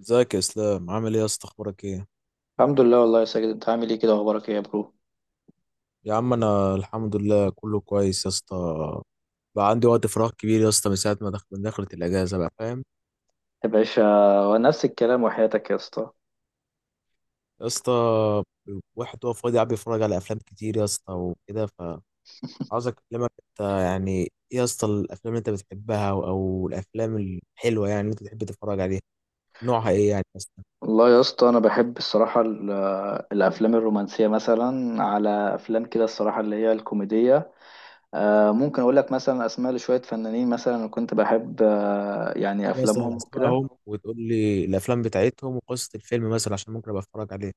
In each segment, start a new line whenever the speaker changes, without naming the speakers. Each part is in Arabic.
ازيك يا اسلام؟ عامل ايه يا اسطى؟ اخبارك ايه؟
الحمد لله والله يا ساجد، انت عامل ايه كده؟ اخبارك ايه يا برو؟
يا عم انا الحمد لله كله كويس يا اسطى. بقى عندي وقت فراغ كبير يا اسطى من ساعه ما دخلت من دخلت الاجازه، بقى فاهم
يا باشا، ونفس الكلام وحياتك يا اسطى.
يا اسطى؟ واحد هو فاضي قاعد بيتفرج على افلام كتير يا اسطى، وكده فعاوز اكلمك انت. يعني ايه يا اسطى الافلام اللي انت بتحبها؟ او الافلام الحلوه يعني اللي انت بتحب تتفرج عليها، نوعها ايه يعني مثلا؟
والله يا اسطى انا بحب الصراحه الافلام الرومانسيه، مثلا على افلام كده الصراحه اللي هي الكوميديه. ممكن اقول لك مثلا اسماء لشويه فنانين مثلا انا كنت بحب يعني
ايه مثلا
افلامهم
اسمائهم؟
وكده.
وتقول لي الافلام بتاعتهم وقصه الفيلم مثلا، عشان ممكن ابقى اتفرج عليه.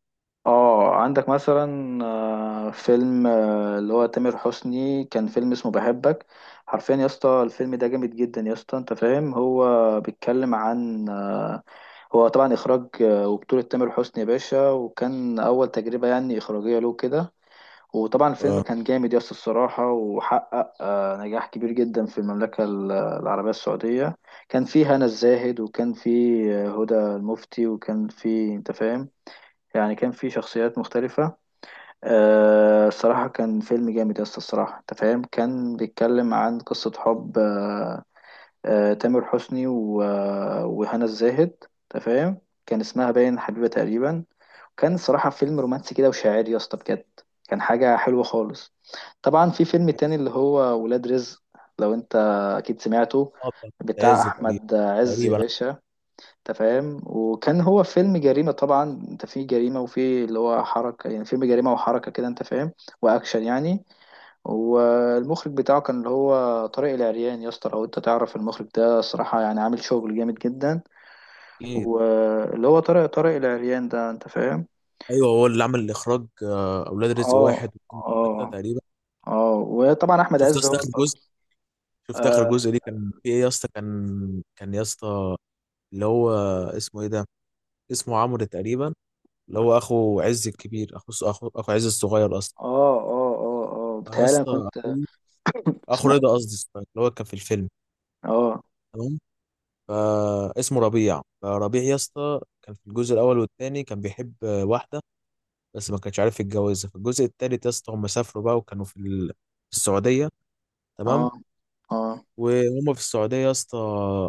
اه، عندك مثلا فيلم اللي هو تامر حسني، كان فيلم اسمه بحبك. حرفيا يا اسطى الفيلم ده جامد جدا يا اسطى، انت فاهم. هو بيتكلم عن هو طبعا إخراج وبطولة تامر حسني يا باشا، وكان أول تجربة يعني إخراجية له كده. وطبعا الفيلم
اه.
كان جامد يس الصراحة، وحقق نجاح كبير جدا في المملكة العربية السعودية. كان فيه هنا الزاهد، وكان فيه هدى المفتي، وكان فيه أنت فاهم، يعني كان فيه شخصيات مختلفة. الصراحة كان فيلم جامد يس الصراحة أنت فاهم. كان بيتكلم عن قصة حب تامر حسني و... آه، وهنا الزاهد انت فاهم. كان اسمها باين حبيبة تقريبا. كان صراحة فيلم رومانسي كده وشاعري يا اسطى بجد، كان حاجة حلوة خالص. طبعا في فيلم تاني اللي هو ولاد رزق، لو انت اكيد سمعته،
بتاعت
بتاع
عز تقريبا.
احمد عز يا
تقريبا.
باشا. انت فاهم، وكان هو فيلم جريمة طبعا، انت في جريمة وفي اللي هو حركة، يعني فيلم جريمة وحركة كده انت فاهم، واكشن يعني. والمخرج بتاعه كان اللي هو طارق العريان يا اسطى، لو انت تعرف المخرج ده صراحة يعني عامل شغل جامد جدا.
اكيد.
واللي هو طارق العريان ده انت فاهم.
ايوه، هو اللي عمل الاخراج اولاد رزق
اه،
واحد واثنين وثلاثه
اه،
تقريبا.
اه، وطبعا احمد
شفت يا
عز
اسطى
هو
اخر جزء؟
البطل.
شفت اخر
اه،
جزء ليه؟ كان في ايه يا اسطى؟ كان يا اسطى اللي هو اسمه ايه ده؟ اسمه عمرو تقريبا، اللي هو اخو عز الكبير، اخو عز الصغير اصلا.
اه، اه، اه، آه.
يا
بتهيألي انا
اسطى
كنت
اخو، اخو
سمعت.
رضا قصدي الصغير اللي هو كان في الفيلم.
اه،
تمام. فاسمه ربيع. فربيع يا اسطى كان في الجزء الاول والثاني كان بيحب واحده بس ما كانش عارف يتجوزها. في الجزء الثالث يا اسطى هم سافروا بقى وكانوا في في السعوديه.
اه،
تمام.
اه،
وهم في السعودية يا اسطى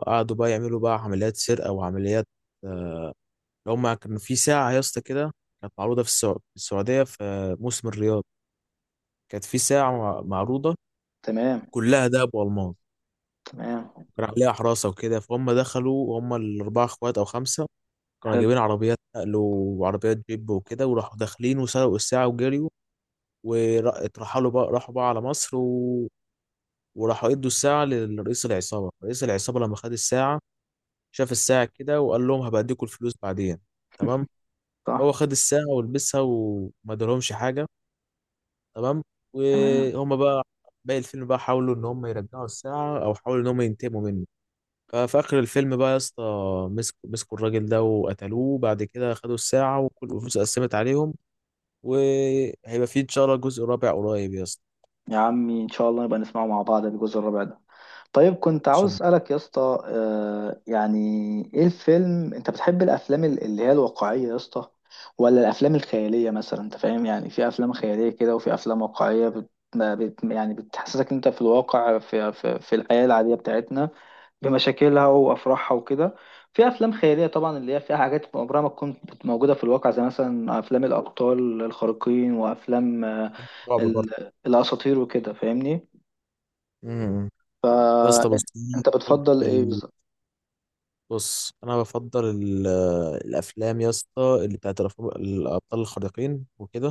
قعدوا بقى يعملوا بقى عمليات سرقة وعمليات اللي هم كانوا في ساعة يا اسطى كده، كانت معروضة في في السعودية في موسم الرياض. كانت في ساعة معروضة
تمام،
كلها دهب والماس،
تمام،
كان عليها حراسة وكده. فهم دخلوا وهم الأربعة اخوات أو خمسة كانوا
حلو،
جايبين عربيات نقل وعربيات جيب وكده، وراحوا داخلين وسرقوا الساعة وجريوا، واترحلوا بقى، راحوا بقى على مصر وراحوا ادوا الساعة لرئيس العصابة. رئيس العصابة لما خد الساعة شاف الساعة كده وقال لهم هبقى اديكوا الفلوس بعدين. تمام.
صح،
هو خد الساعة ولبسها وما ادالهمش حاجة. تمام.
تمام.
وهم بقى باقي الفيلم بقى حاولوا ان هم يرجعوا الساعة او حاولوا ان هم ينتقموا منه. ففي اخر الفيلم بقى يا اسطى مسكوا الراجل ده وقتلوه، بعد كده خدوا الساعة وكل الفلوس اتقسمت عليهم. وهيبقى في ان شاء الله جزء رابع قريب يا اسطى.
يا عمي ان شاء الله نبقى نسمعه مع بعض الجزء الرابع ده. طيب كنت عاوز
عشان
اسالك يا اسطى يعني ايه الفيلم، انت بتحب الافلام اللي هي الواقعيه يا اسطى، ولا الافلام الخياليه؟ مثلا انت فاهم، يعني في افلام خياليه كده وفي افلام واقعيه بت... ما بت... يعني بتحسسك انت في الواقع، في الحياه العاديه بتاعتنا بمشاكلها وافراحها وكده. في افلام خياليه طبعا اللي هي فيها حاجات عمرها ما تكون موجوده في الواقع، زي مثلا افلام الابطال الخارقين وافلام
رعب برضه.
ال... الاساطير وكده فاهمني.
أمم. يا اسطى بص،
فانت بتفضل ايه بالظبط؟
بص انا بفضل الافلام يا اسطى اللي بتاعت الابطال الخارقين وكده،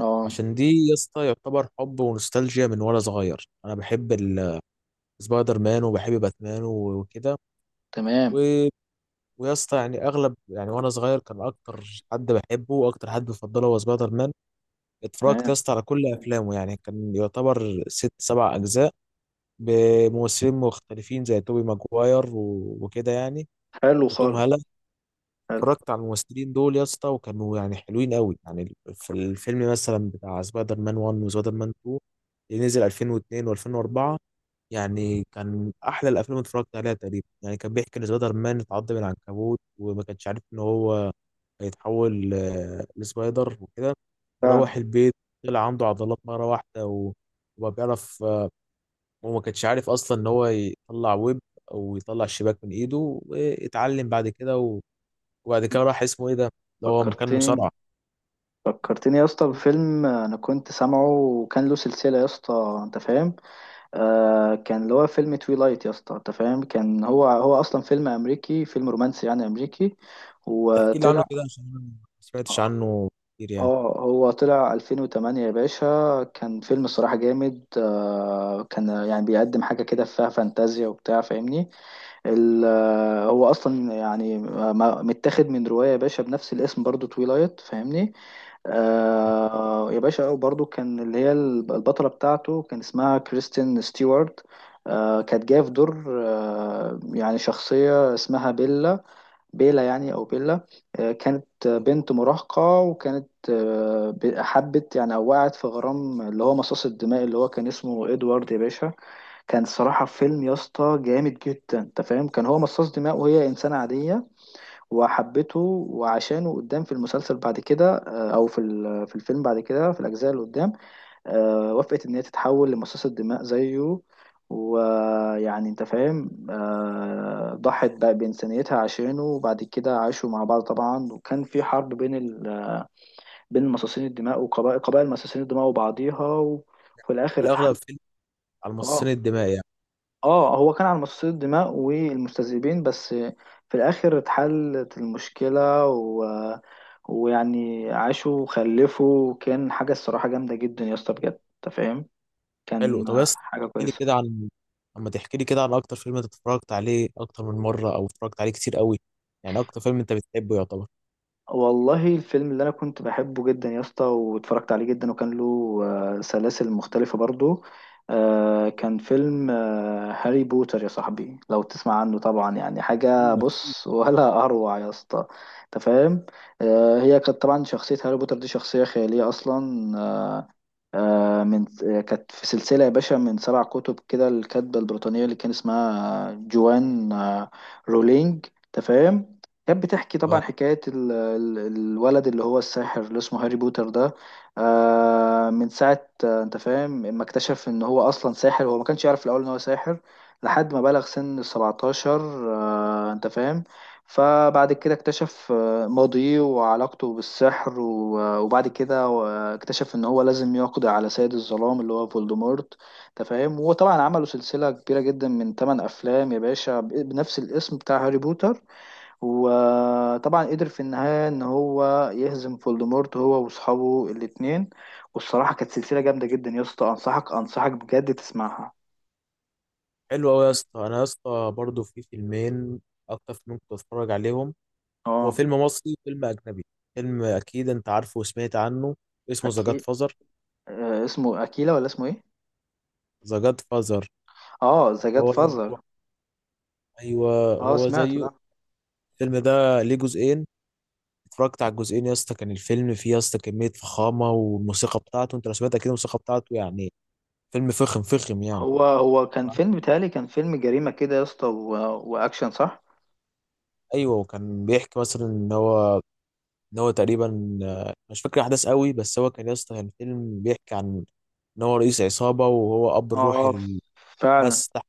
اه،
عشان دي يا اسطى يعتبر حب ونوستالجيا من وانا صغير. انا بحب سبايدر مان وبحب باتمان وكده و...
تمام،
ويا اسطى يعني اغلب، يعني وانا صغير كان اكتر حد بحبه واكتر حد بفضله هو سبايدر مان. اتفرجت يا
تمام،
اسطى على كل افلامه، يعني كان يعتبر ست سبع اجزاء بممثلين مختلفين زي توبي ماجواير وكده يعني،
حلو
وتوم
خالص،
هالاند.
حلو،
اتفرجت على الممثلين دول يا اسطى وكانوا يعني حلوين قوي. يعني في الفيلم مثلا بتاع سبايدر مان 1 وسبايدر مان 2 اللي نزل 2002 و2004، يعني كان احلى الافلام اللي اتفرجت عليها تقريبا. يعني كان بيحكي ان سبايدر مان اتعض من العنكبوت وما كانش عارف ان هو هيتحول لسبايدر وكده.
فعلا.
وروح البيت طلع عنده عضلات مره واحده وما بيعرف آه، وما كانش عارف اصلا ان هو يطلع ويب او يطلع شباك من ايده، واتعلم بعد كده. وبعد كده راح اسمه ايه ده اللي هو مكان
فكرتني،
مصارعة.
فكرتني يا اسطى بفيلم انا كنت سامعه وكان له سلسله، يا اسطى انت فاهم. آه، كان اللي هو فيلم تويلايت يا اسطى، انت فاهم. كان هو اصلا فيلم امريكي، فيلم رومانسي يعني امريكي
ما تحكي لي عنه
وطلع.
كده عشان انا ما سمعتش عنه كتير يعني.
اه، هو طلع 2008 يا باشا. كان فيلم الصراحه جامد، آه كان يعني بيقدم حاجه كده فيها فانتازيا وبتاع فاهمني. هو اصلا يعني متاخد من روايه يا باشا بنفس الاسم برضو تويلايت فاهمني. آه يا باشا، وبرضو كان اللي هي البطله بتاعته كان اسمها كريستين ستيوارت. آه، كانت جايه في دور آه يعني شخصيه اسمها بيلا، بيلا يعني او بيلا. آه، كانت بنت مراهقه، وكانت آه حبت يعني او وقعت في غرام اللي هو مصاص الدماء اللي هو كان اسمه ادوارد يا باشا. كان صراحة فيلم يا اسطى جامد جدا، انت فاهم. كان هو مصاص دماء وهي انسانة عادية، وحبته. وعشانه قدام في المسلسل بعد كده او في في الفيلم بعد كده في الاجزاء اللي قدام وافقت ان هي تتحول لمصاص الدماء زيه. ويعني انت فاهم ضحت بقى بإنسانيتها عشانه، وبعد كده عاشوا مع بعض طبعا، وكان في حرب بين بين مصاصين الدماء وقبائل قبائل مصاصين الدماء وبعضيها، وفي الاخر
الاغلب
اتحل.
فيلم على مصاصين
اه،
الدماء يعني؟
اه، هو كان على مصاصين الدماء والمستذئبين بس. في الاخر اتحلت المشكلة ويعني عاشوا وخلفوا، وكان حاجة الصراحة جامدة جدا يا اسطى بجد انت فاهم.
حلو.
كان
طب بس
حاجة
احكي لي
كويسة.
كده عن، اما تحكي لي كده عن اكتر فيلم انت اتفرجت عليه اكتر من مرة او اتفرجت عليه كتير قوي، يعني اكتر فيلم انت بتحبه يعتبر.
والله الفيلم اللي انا كنت بحبه جدا يا اسطى، واتفرجت عليه جدا وكان له سلاسل مختلفة برضو. كان فيلم هاري بوتر يا صاحبي، لو تسمع عنه طبعا، يعني حاجة
ايوه اكيد.
بص ولا اروع يا اسطى، انت فاهم. هي كانت طبعا شخصية هاري بوتر دي شخصية خيالية اصلا. آه، من آه، كانت في سلسلة يا باشا من سبع كتب كده، الكاتبة البريطانية اللي كان اسمها جوان رولينج تفهم. كانت بتحكي طبعا
آه،
حكاية الولد اللي هو الساحر اللي اسمه هاري بوتر ده. من ساعة انت فاهم، ما اكتشف ان هو اصلا ساحر. هو ما كانش يعرف في الاول ان هو ساحر لحد ما بلغ سن السبعتاشر، انت فاهم. فبعد كده اكتشف ماضيه وعلاقته بالسحر وبعد كده اكتشف ان هو لازم يقضي على سيد الظلام اللي هو فولدمورت انت فاهم. وطبعا عملوا سلسلة كبيرة جدا من 8 افلام يا باشا بنفس الاسم بتاع هاري بوتر. وطبعا قدر في النهاية ان هو يهزم فولدمورت هو واصحابه الاتنين. والصراحة كانت سلسلة جامدة جدا يا اسطى، انصحك بجد تسمعها.
حلو قوي يا اسطى. انا يا اسطى برضه في فيلمين اكتر فيلم كنت بتفرج عليهم، هو
اه،
فيلم مصري وفيلم اجنبي. فيلم اكيد انت عارفه وسمعت عنه، اسمه ذا جاد
اكيد.
فازر.
اسمه اكيلا ولا اسمه ايه؟
ذا جاد فازر،
اه، ذا جاد
هو.
فازر.
ايوه
اه،
هو
سمعته
زيه.
ده.
الفيلم ده ليه جزئين، اتفرجت على الجزئين يا اسطى. كان الفيلم فيه يا اسطى كميه فخامه، والموسيقى بتاعته انت لو سمعت اكيد الموسيقى بتاعته، يعني فيلم فخم فخم يعني.
هو هو كان فيلم بيتهيألي، كان فيلم جريمة كده يا اسطى وأكشن صح؟
ايوه، وكان بيحكي مثلا ان هو، ان هو تقريبا مش فاكر احداث قوي، بس هو كان يا اسطى كان فيلم بيحكي عن ان هو رئيس عصابه وهو اب الروحي
اه، فعلا.
للناس تحت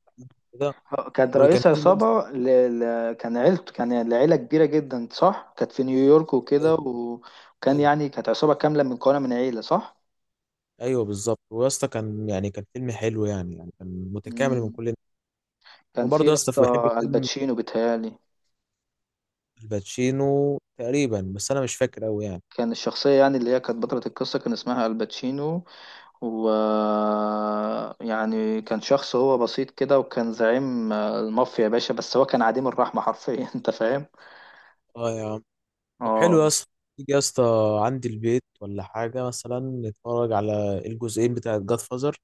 كده.
كانت
وكان
رئيس
فيلم يا اسطى-.
عصابة كان عيلته، كان العيلة كبيرة جدا صح؟ كانت في نيويورك
ايوه،
وكده وكان
ايوه،
يعني كانت عصابة كاملة من مكونة من عيلة صح؟
ايوه بالظبط. ويا اسطى كان يعني كان فيلم حلو يعني، يعني كان متكامل من
مم.
كل.
كان في
وبرضه يا
يا
اسطى بحب
اسطى
فيلم
الباتشينو بيتهيألي.
الباتشينو تقريبا، بس انا مش فاكر قوي يعني.
كان الشخصية يعني اللي هي كانت بطلة القصة كان اسمها الباتشينو، و يعني كان شخص هو بسيط كده، وكان زعيم المافيا يا باشا، بس هو كان عديم الرحمة حرفيا انت فاهم.
اه يا عم. طب حلو يا
اه
اسطى، تيجي يا اسطى عندي البيت ولا حاجه مثلا نتفرج على الجزئين بتاع جاد فازر؟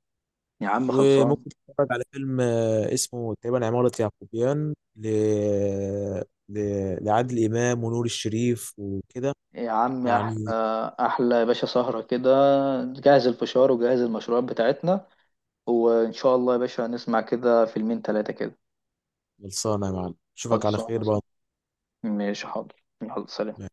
يا عم خلصان.
وممكن نتفرج على فيلم اسمه تقريبا عمارة يعقوبيان ل... لعادل امام ونور الشريف وكده
يا عم
يعني.
احلى، احلى يا باشا، سهرة كده، جهز الفشار وجهز المشروبات بتاعتنا، وان شاء الله يا باشا هنسمع كده فيلمين تلاتة كده.
خلصانه يا معلم، اشوفك على
خلصان يا
خير بقى.
صاحبي. ماشي، حاضر، يلا سلام.